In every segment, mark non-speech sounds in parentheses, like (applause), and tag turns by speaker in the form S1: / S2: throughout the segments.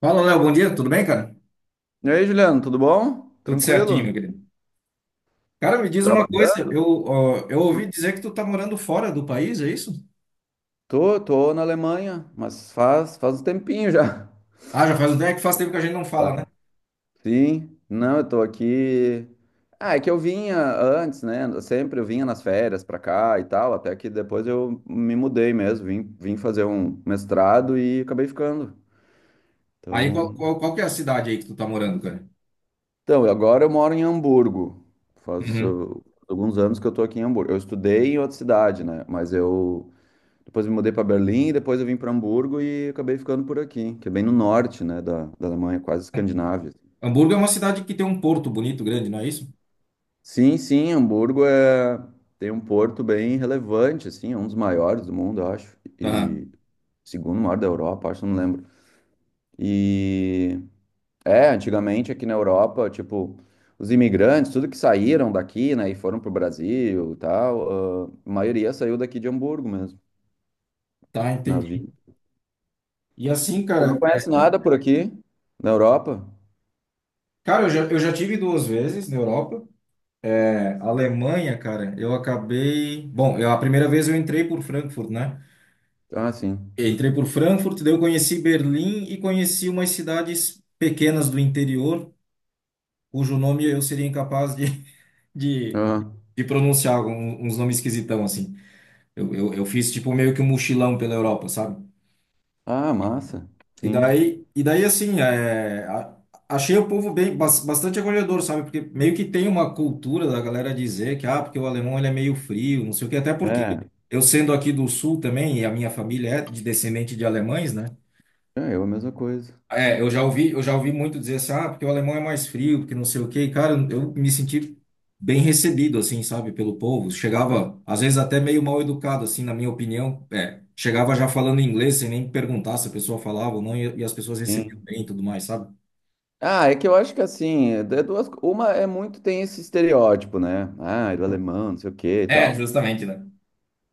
S1: Fala, Léo, bom dia, tudo bem, cara?
S2: E aí, Juliano, tudo bom?
S1: Tudo certinho,
S2: Tranquilo?
S1: meu querido. Cara, me diz uma coisa,
S2: Trabalhando?
S1: eu ouvi dizer que tu tá morando fora do país, é isso?
S2: Tô na Alemanha, mas faz um tempinho já. (laughs)
S1: Ah, já faz, é que faz tempo que a gente não fala,
S2: Ah,
S1: né?
S2: sim, não, eu tô aqui. Ah, é que eu vinha antes, né? Sempre eu vinha nas férias pra cá e tal, até que depois eu me mudei mesmo, vim fazer um mestrado e acabei ficando.
S1: Aí, qual,
S2: Então,
S1: qual, qual que é a cidade aí que tu tá morando, cara?
S2: então, agora eu moro em Hamburgo. Faz
S1: Uhum.
S2: alguns anos que eu tô aqui em Hamburgo. Eu estudei em outra cidade, né? Mas eu, depois, me mudei para Berlim, depois eu vim para Hamburgo e acabei ficando por aqui, que é bem no norte, né, da Alemanha, quase Escandinávia, assim.
S1: Hamburgo é uma cidade que tem um porto bonito, grande, não é isso?
S2: Sim, sim, Hamburgo tem um porto bem relevante, assim, é um dos maiores do mundo, eu acho, e
S1: Aham.
S2: segundo maior da Europa, acho, não lembro. E antigamente aqui na Europa, tipo, os imigrantes, tudo que saíram daqui, né, e foram pro Brasil, e tal, ah, a maioria saiu daqui de Hamburgo mesmo,
S1: Tá, entendi.
S2: navio.
S1: E assim,
S2: Tu
S1: cara,
S2: não conhece nada por aqui na Europa?
S1: cara, eu já tive duas vezes na Europa. É, Alemanha, cara, eu acabei... Bom, eu, a primeira vez eu entrei por Frankfurt, né?
S2: Ah, sim.
S1: Entrei por Frankfurt, daí eu conheci Berlim e conheci umas cidades pequenas do interior, cujo nome eu seria incapaz de, (laughs) de,
S2: Aham.
S1: de pronunciar, uns nomes esquisitão, assim. Eu fiz tipo meio que um mochilão pela Europa, sabe?
S2: Ah, massa. Sim.
S1: E daí assim, é, achei o povo bem, bastante acolhedor, sabe? Porque meio que tem uma cultura da galera dizer que, ah, porque o alemão ele é meio frio, não sei o quê, até porque
S2: É,
S1: eu sendo aqui do sul também, e a minha família é de descendente de alemães, né?
S2: é, eu a mesma coisa.
S1: É, eu já ouvi muito dizer assim, ah, porque o alemão é mais frio, porque não sei o quê. E, cara, eu me senti bem recebido, assim, sabe, pelo povo. Chegava, às vezes, até meio mal educado, assim, na minha opinião. É, chegava já falando inglês, sem nem perguntar se a pessoa falava ou não, e as pessoas recebiam
S2: Sim.
S1: bem e tudo mais, sabe?
S2: Ah, é que eu acho que assim, é duas, uma é muito tem esse estereótipo, né? Ah, do alemão, não sei o que e
S1: É,
S2: tal.
S1: justamente, né?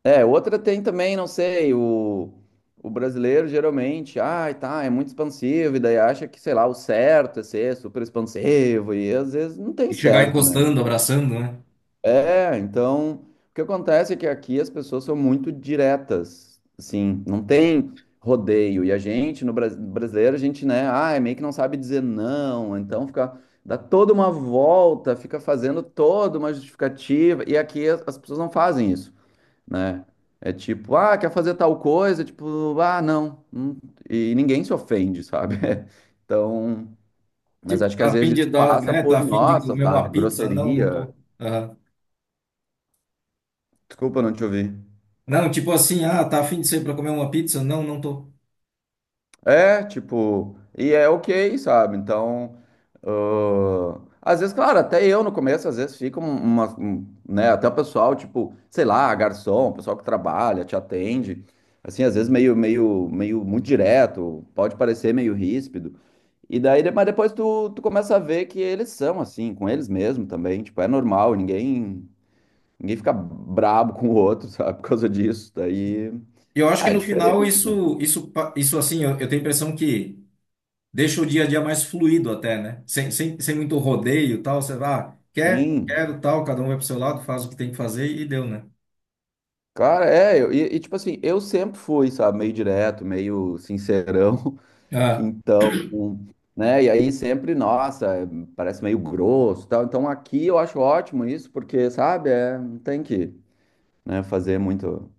S2: É, outra tem também, não sei, o brasileiro geralmente, ah, tá, é muito expansivo, e daí acha que, sei lá, o certo é ser super expansivo, e às vezes não tem
S1: E chegar
S2: certo, né?
S1: encostando, abraçando, né?
S2: É, então, o que acontece é que aqui as pessoas são muito diretas, assim, não tem rodeio. E a gente, no brasileiro, a gente, né, ah, é meio que não sabe dizer não, então fica, dá toda uma volta, fica fazendo toda uma justificativa, e aqui as pessoas não fazem isso, né? É tipo, ah, quer fazer tal coisa, tipo, ah, não, e ninguém se ofende, sabe? (laughs) Então, mas
S1: Tipo,
S2: acho que às
S1: tá a fim
S2: vezes
S1: de
S2: isso
S1: dar,
S2: passa
S1: né? Tá
S2: por,
S1: a fim de
S2: nossa,
S1: comer uma
S2: sabe,
S1: pizza? Não, não
S2: grosseria.
S1: tô. Aham.
S2: Desculpa não te ouvir.
S1: Não, tipo assim, ah, tá a fim de ser pra comer uma pizza? Não, não tô.
S2: É, tipo, e é ok, sabe? Então, às vezes, claro, até eu no começo, às vezes fica um, né? Até o pessoal, tipo, sei lá, garçom, pessoal que trabalha, te atende, assim, às vezes meio muito direto, pode parecer meio ríspido. E daí, mas depois tu começa a ver que eles são assim, com eles mesmo também, tipo, é normal, ninguém fica brabo com o outro, (laughs) sabe? Por causa disso, daí,
S1: E eu acho que
S2: ah, é
S1: no final
S2: diferente, né?
S1: isso assim, eu tenho a impressão que deixa o dia a dia mais fluido até, né? Sem muito rodeio e tal, você vai, ah, quer, não
S2: Sim.
S1: quero, tal, cada um vai pro seu lado, faz o que tem que fazer e deu, né?
S2: Cara, é, eu, tipo assim, eu sempre fui, sabe, meio direto, meio sincerão, (laughs)
S1: Ah,
S2: então, né, e aí sempre, nossa, é, parece meio grosso e tal, então aqui eu acho ótimo isso, porque, sabe, é, não tem que, né, fazer muito,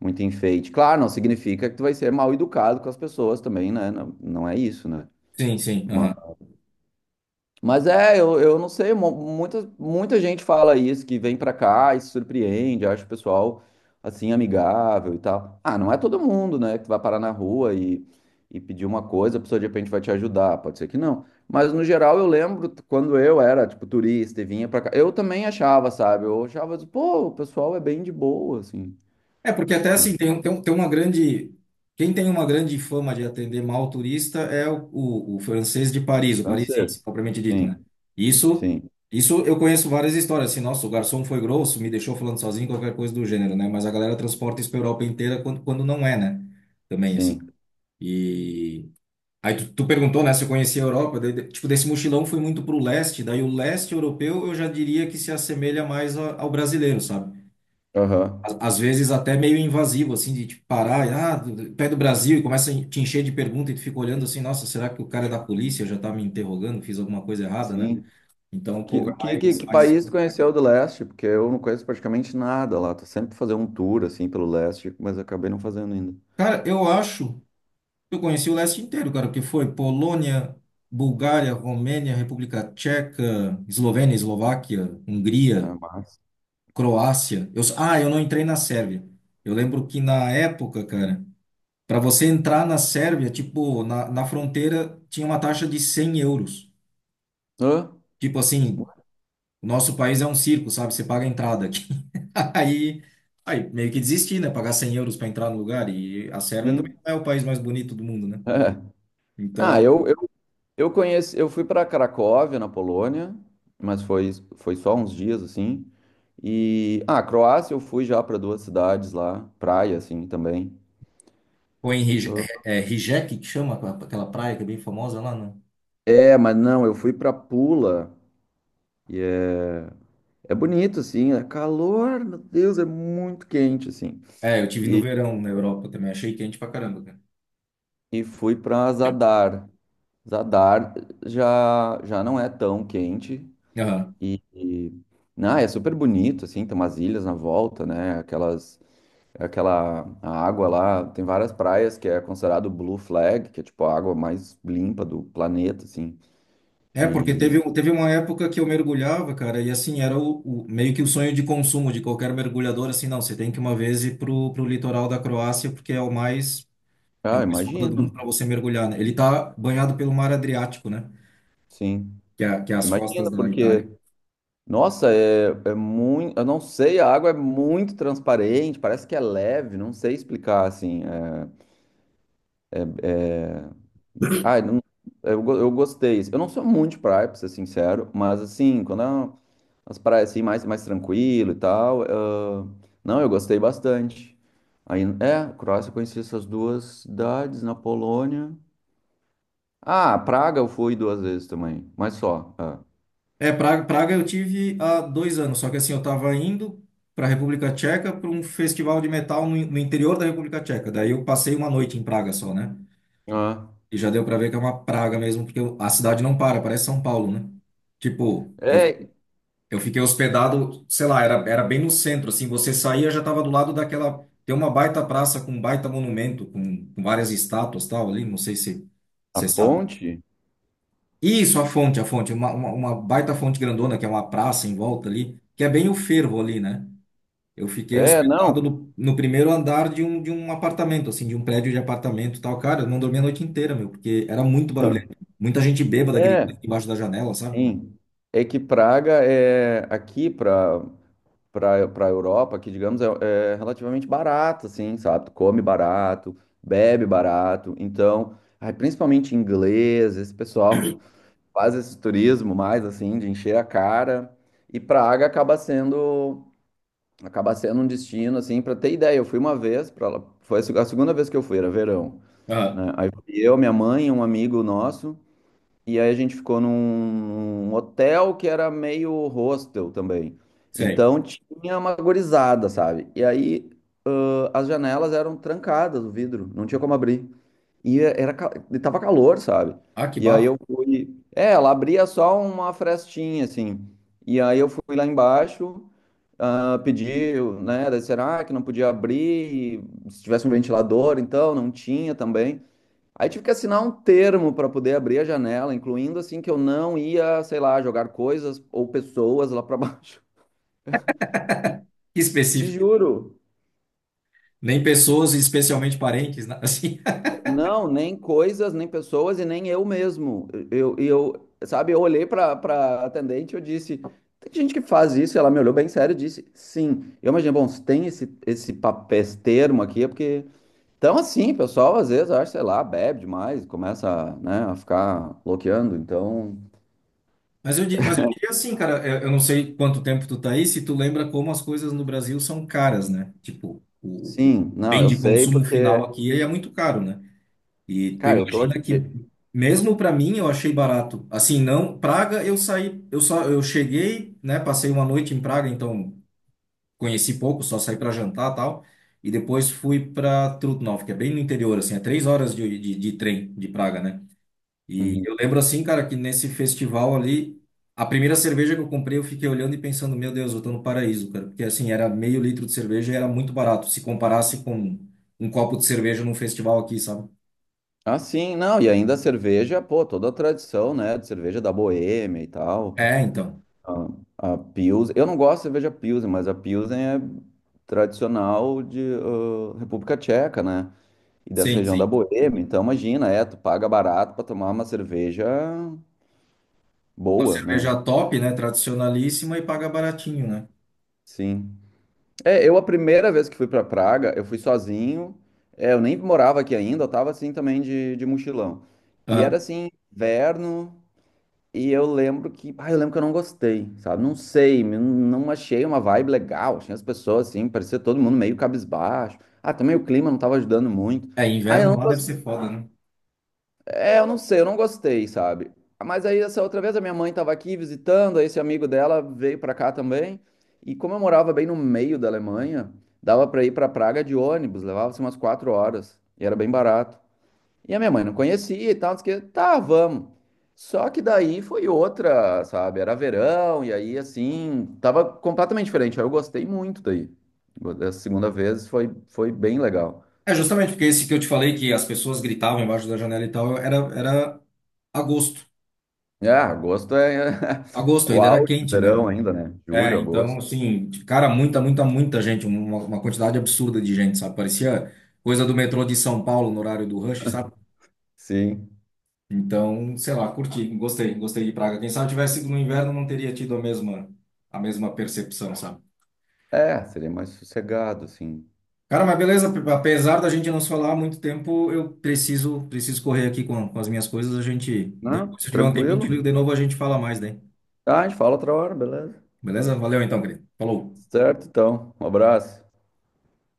S2: muito enfeite. Claro, não significa que tu vai ser mal educado com as pessoas também, né, não, não é isso, né,
S1: sim, sim.
S2: mas é, eu não sei, muita, muita gente fala isso, que vem pra cá e se surpreende, acha o pessoal, assim, amigável e tal. Ah, não é todo mundo, né, que tu vai parar na rua e pedir uma coisa, a pessoa de repente vai te ajudar, pode ser que não. Mas, no geral, eu lembro quando eu era, tipo, turista e vinha pra cá, eu também achava, sabe, eu achava, assim, pô, o pessoal é bem de boa, assim,
S1: É, porque até
S2: né?
S1: assim, tem uma grande. Quem tem uma grande fama de atender mal o turista é o francês de Paris, o parisiense,
S2: Francês.
S1: propriamente dito, né?
S2: Sim,
S1: Isso,
S2: sim,
S1: isso eu conheço várias histórias, assim, nossa, o garçom foi grosso, me deixou falando sozinho, qualquer coisa do gênero, né? Mas a galera transporta isso para Europa inteira quando não é, né? Também, assim.
S2: sim,
S1: E. Aí tu perguntou, né, se eu conhecia a Europa, daí, tipo, desse mochilão fui muito pro leste, daí o leste europeu eu já diria que se assemelha mais ao brasileiro, sabe?
S2: aham,
S1: A às vezes até meio invasivo, assim, de tipo, parar, e, ah, pé do Brasil, e começa a te encher de pergunta e tu fica olhando assim, nossa, será que o cara é da polícia já tá me interrogando, fiz alguma coisa errada, né?
S2: sim.
S1: Então o povo
S2: Que,
S1: é
S2: que, que,
S1: mais,
S2: que
S1: mais...
S2: país tu conheceu do leste? Porque eu não conheço praticamente nada lá. Tô sempre fazendo um tour assim pelo leste, mas acabei não fazendo ainda.
S1: Cara, eu acho que eu conheci o leste inteiro, cara, que foi Polônia, Bulgária, Romênia, República Tcheca, Eslovênia, Eslováquia,
S2: É,
S1: Hungria,
S2: mas...
S1: Croácia. Eu... Ah, eu não entrei na Sérvia. Eu lembro que na época, cara, para você entrar na Sérvia, tipo, na fronteira tinha uma taxa de 100 euros.
S2: Hã?
S1: Tipo assim, o nosso país é um circo, sabe? Você paga a entrada aqui. (laughs) Aí, aí meio que desisti, né? Pagar 100 euros para entrar no lugar. E a Sérvia também
S2: Sim.
S1: não é o país mais bonito do mundo, né?
S2: É. Ah,
S1: Então,
S2: eu fui para Cracóvia, na Polônia, mas foi só uns dias assim. E ah, Croácia eu fui já para duas cidades lá, praia assim também.
S1: foi em Rij-
S2: Ah.
S1: é, é Rijeka, que chama aquela praia que é bem famosa lá, né?
S2: É, mas não, eu fui para Pula. É é bonito, assim, é calor, meu Deus, é muito quente, assim.
S1: É, eu tive no
S2: E
S1: verão na Europa também. Achei quente pra caramba,
S2: e fui para Zadar. Zadar já não é tão quente
S1: cara.
S2: e é super bonito, assim, tem umas ilhas na volta, né? Aquela a água lá, tem várias praias que é considerado Blue Flag, que é tipo a água mais limpa do planeta, assim.
S1: É, porque
S2: E
S1: teve, teve uma época que eu mergulhava, cara, e assim, era meio que o sonho de consumo de qualquer mergulhador, assim, não, você tem que uma vez ir pro, pro litoral da Croácia, porque é
S2: ah,
S1: o mais foda do mundo
S2: imagino,
S1: para você mergulhar, né? Ele tá banhado pelo mar Adriático, né?
S2: sim,
S1: Que é as costas
S2: imagino,
S1: da
S2: porque
S1: Itália.
S2: nossa, é muito, eu não sei, a água é muito transparente, parece que é leve, não sei explicar, assim. É. É, Ai, não- eu, go- eu gostei. Eu não sou muito de praia, pra ser sincero, mas assim, quando é as praias assim, mais, mais tranquilo e tal, ah, não, eu gostei bastante. Aí, é, Croácia, eu conheci essas duas cidades na Polônia. Ah, Praga eu fui duas vezes também, mas só. É.
S1: É, Praga, Praga eu tive há 2 anos, só que assim, eu tava indo para a República Tcheca para um festival de metal no, no interior da República Tcheca, daí eu passei uma noite em Praga só, né?
S2: Ah,
S1: E já deu pra ver que é uma praga mesmo, porque a cidade não para, parece São Paulo, né? Tipo,
S2: é,
S1: eu fiquei hospedado, sei lá, era bem no centro, assim, você saía, já tava do lado daquela. Tem uma baita praça com um baita monumento, com várias estátuas tal ali, não sei se
S2: a
S1: você sabe.
S2: ponte?
S1: Isso, a fonte, uma baita fonte grandona, que é uma praça em volta ali, que é bem o fervo ali, né? Eu fiquei
S2: É, não,
S1: hospedado no, no primeiro andar de um apartamento, assim, de um prédio de apartamento e tal. Cara, eu não dormi a noite inteira, meu, porque era muito barulhento. Muita gente bêbada
S2: é,
S1: gritando embaixo da janela, sabe?
S2: sim. É que Praga é aqui para a Europa, que digamos é relativamente barato, assim, sabe? Tu come barato, bebe barato. Então, ai, principalmente inglês, esse pessoal (laughs) faz esse turismo mais assim de encher a cara. E Praga acaba sendo um destino assim para ter ideia. Eu fui uma vez para foi a seg- a segunda vez que eu fui, era verão,
S1: Aham,
S2: né? Aí fui eu, minha mãe, e um amigo nosso. E aí a gente ficou num hotel que era meio hostel também.
S1: sei.
S2: Então tinha uma gorizada, sabe? E aí as janelas eram trancadas, o vidro, não tinha como abrir. E tava calor, sabe?
S1: Ah, que
S2: E aí eu
S1: bafo.
S2: fui. É, ela abria só uma frestinha, assim. E aí eu fui lá embaixo, ah, pedi, né? Daí será que não podia abrir? E se tivesse um ventilador, então, não tinha também. Aí tive que assinar um termo para poder abrir a janela, incluindo assim que eu não ia, sei lá, jogar coisas ou pessoas lá para baixo.
S1: Que
S2: (laughs) Te
S1: específico.
S2: juro,
S1: Nem pessoas, especialmente parentes, né? (laughs) Assim.
S2: não, nem coisas, nem pessoas e nem eu mesmo. Eu, sabe, eu olhei para atendente e eu disse, tem gente que faz isso, e ela me olhou bem sério e disse, sim. Eu imaginei, bom, se tem esse papel, esse termo aqui, é porque então assim, pessoal, às vezes acho, sei lá, bebe demais, começa, né, a ficar bloqueando, então.
S1: Mas eu, mas eu diria assim, cara, eu não sei quanto tempo tu tá aí, se tu lembra como as coisas no Brasil são caras, né? Tipo, o
S2: Sim, não,
S1: bem
S2: eu
S1: de
S2: sei
S1: consumo final
S2: porque.
S1: aqui é muito caro, né? E tu
S2: Cara, eu tô
S1: imagina que
S2: aqui.
S1: mesmo para mim eu achei barato. Assim, não, Praga eu saí, eu só eu cheguei, né, passei uma noite em Praga, então conheci pouco, só saí para jantar, tal, e depois fui para Trutnov, que é bem no interior assim, é 3 horas de trem de Praga, né? E
S2: Uhum.
S1: eu lembro assim, cara, que nesse festival ali a primeira cerveja que eu comprei, eu fiquei olhando e pensando, meu Deus, eu tô no paraíso, cara. Porque assim, era meio litro de cerveja e era muito barato, se comparasse com um copo de cerveja num festival aqui, sabe?
S2: Ah, sim, não, e ainda a cerveja, pô, toda a tradição, né, de cerveja da Boêmia e tal,
S1: É, então.
S2: a Pilsen, eu não gosto de cerveja Pilsen, mas a Pilsen é tradicional de República Tcheca, né, e dessa
S1: Sim,
S2: região da
S1: sim.
S2: Boêmia, então imagina, é, tu paga barato pra tomar uma cerveja
S1: Uma
S2: boa, né,
S1: cerveja top, né? Tradicionalíssima e paga baratinho, né?
S2: sim. É, eu a primeira vez que fui pra Praga, eu fui sozinho, é, eu nem morava aqui ainda, eu tava assim também de mochilão, e era
S1: Aham.
S2: assim, inverno... E eu lembro que eu não gostei, sabe? Não sei, não achei uma vibe legal. Tinha as pessoas assim, parecia todo mundo meio cabisbaixo. Ah, também o clima não estava ajudando muito.
S1: É,
S2: Ah, eu
S1: inverno
S2: não
S1: lá deve
S2: gostei.
S1: ser foda, né?
S2: É, eu não sei, eu não gostei, sabe? Mas aí essa outra vez a minha mãe estava aqui visitando, aí esse amigo dela veio para cá também. E como eu morava bem no meio da Alemanha, dava para ir para Praga de ônibus, levava-se umas 4 horas e era bem barato. E a minha mãe não conhecia e tal, disse que, tá, vamos. Só que daí foi outra, sabe? Era verão, e aí assim, tava completamente diferente. Aí eu gostei muito daí. Essa segunda vez foi bem legal.
S1: É justamente porque esse que eu te falei que as pessoas gritavam embaixo da janela e tal, era agosto.
S2: É, agosto é (laughs)
S1: Agosto
S2: o
S1: ainda era
S2: auge do
S1: quente, né?
S2: verão ainda, né?
S1: É,
S2: Julho,
S1: então,
S2: agosto.
S1: assim, cara, muita gente, uma quantidade absurda de gente, sabe? Parecia coisa do metrô de São Paulo no horário do rush, sabe?
S2: Sim.
S1: Então, sei lá, curti, gostei, gostei de Praga. Quem sabe tivesse sido no inverno, não teria tido a mesma percepção, sabe?
S2: É, seria mais sossegado, assim.
S1: Cara, mas beleza, apesar da gente não se falar há muito tempo, eu preciso correr aqui com as minhas coisas. A gente,
S2: Não,
S1: depois, se tiver um tempinho
S2: tranquilo.
S1: de novo, a gente fala mais, né?
S2: Tá, a gente fala outra hora, beleza?
S1: Beleza? Valeu então, querido. Falou.
S2: Certo, então. Um abraço.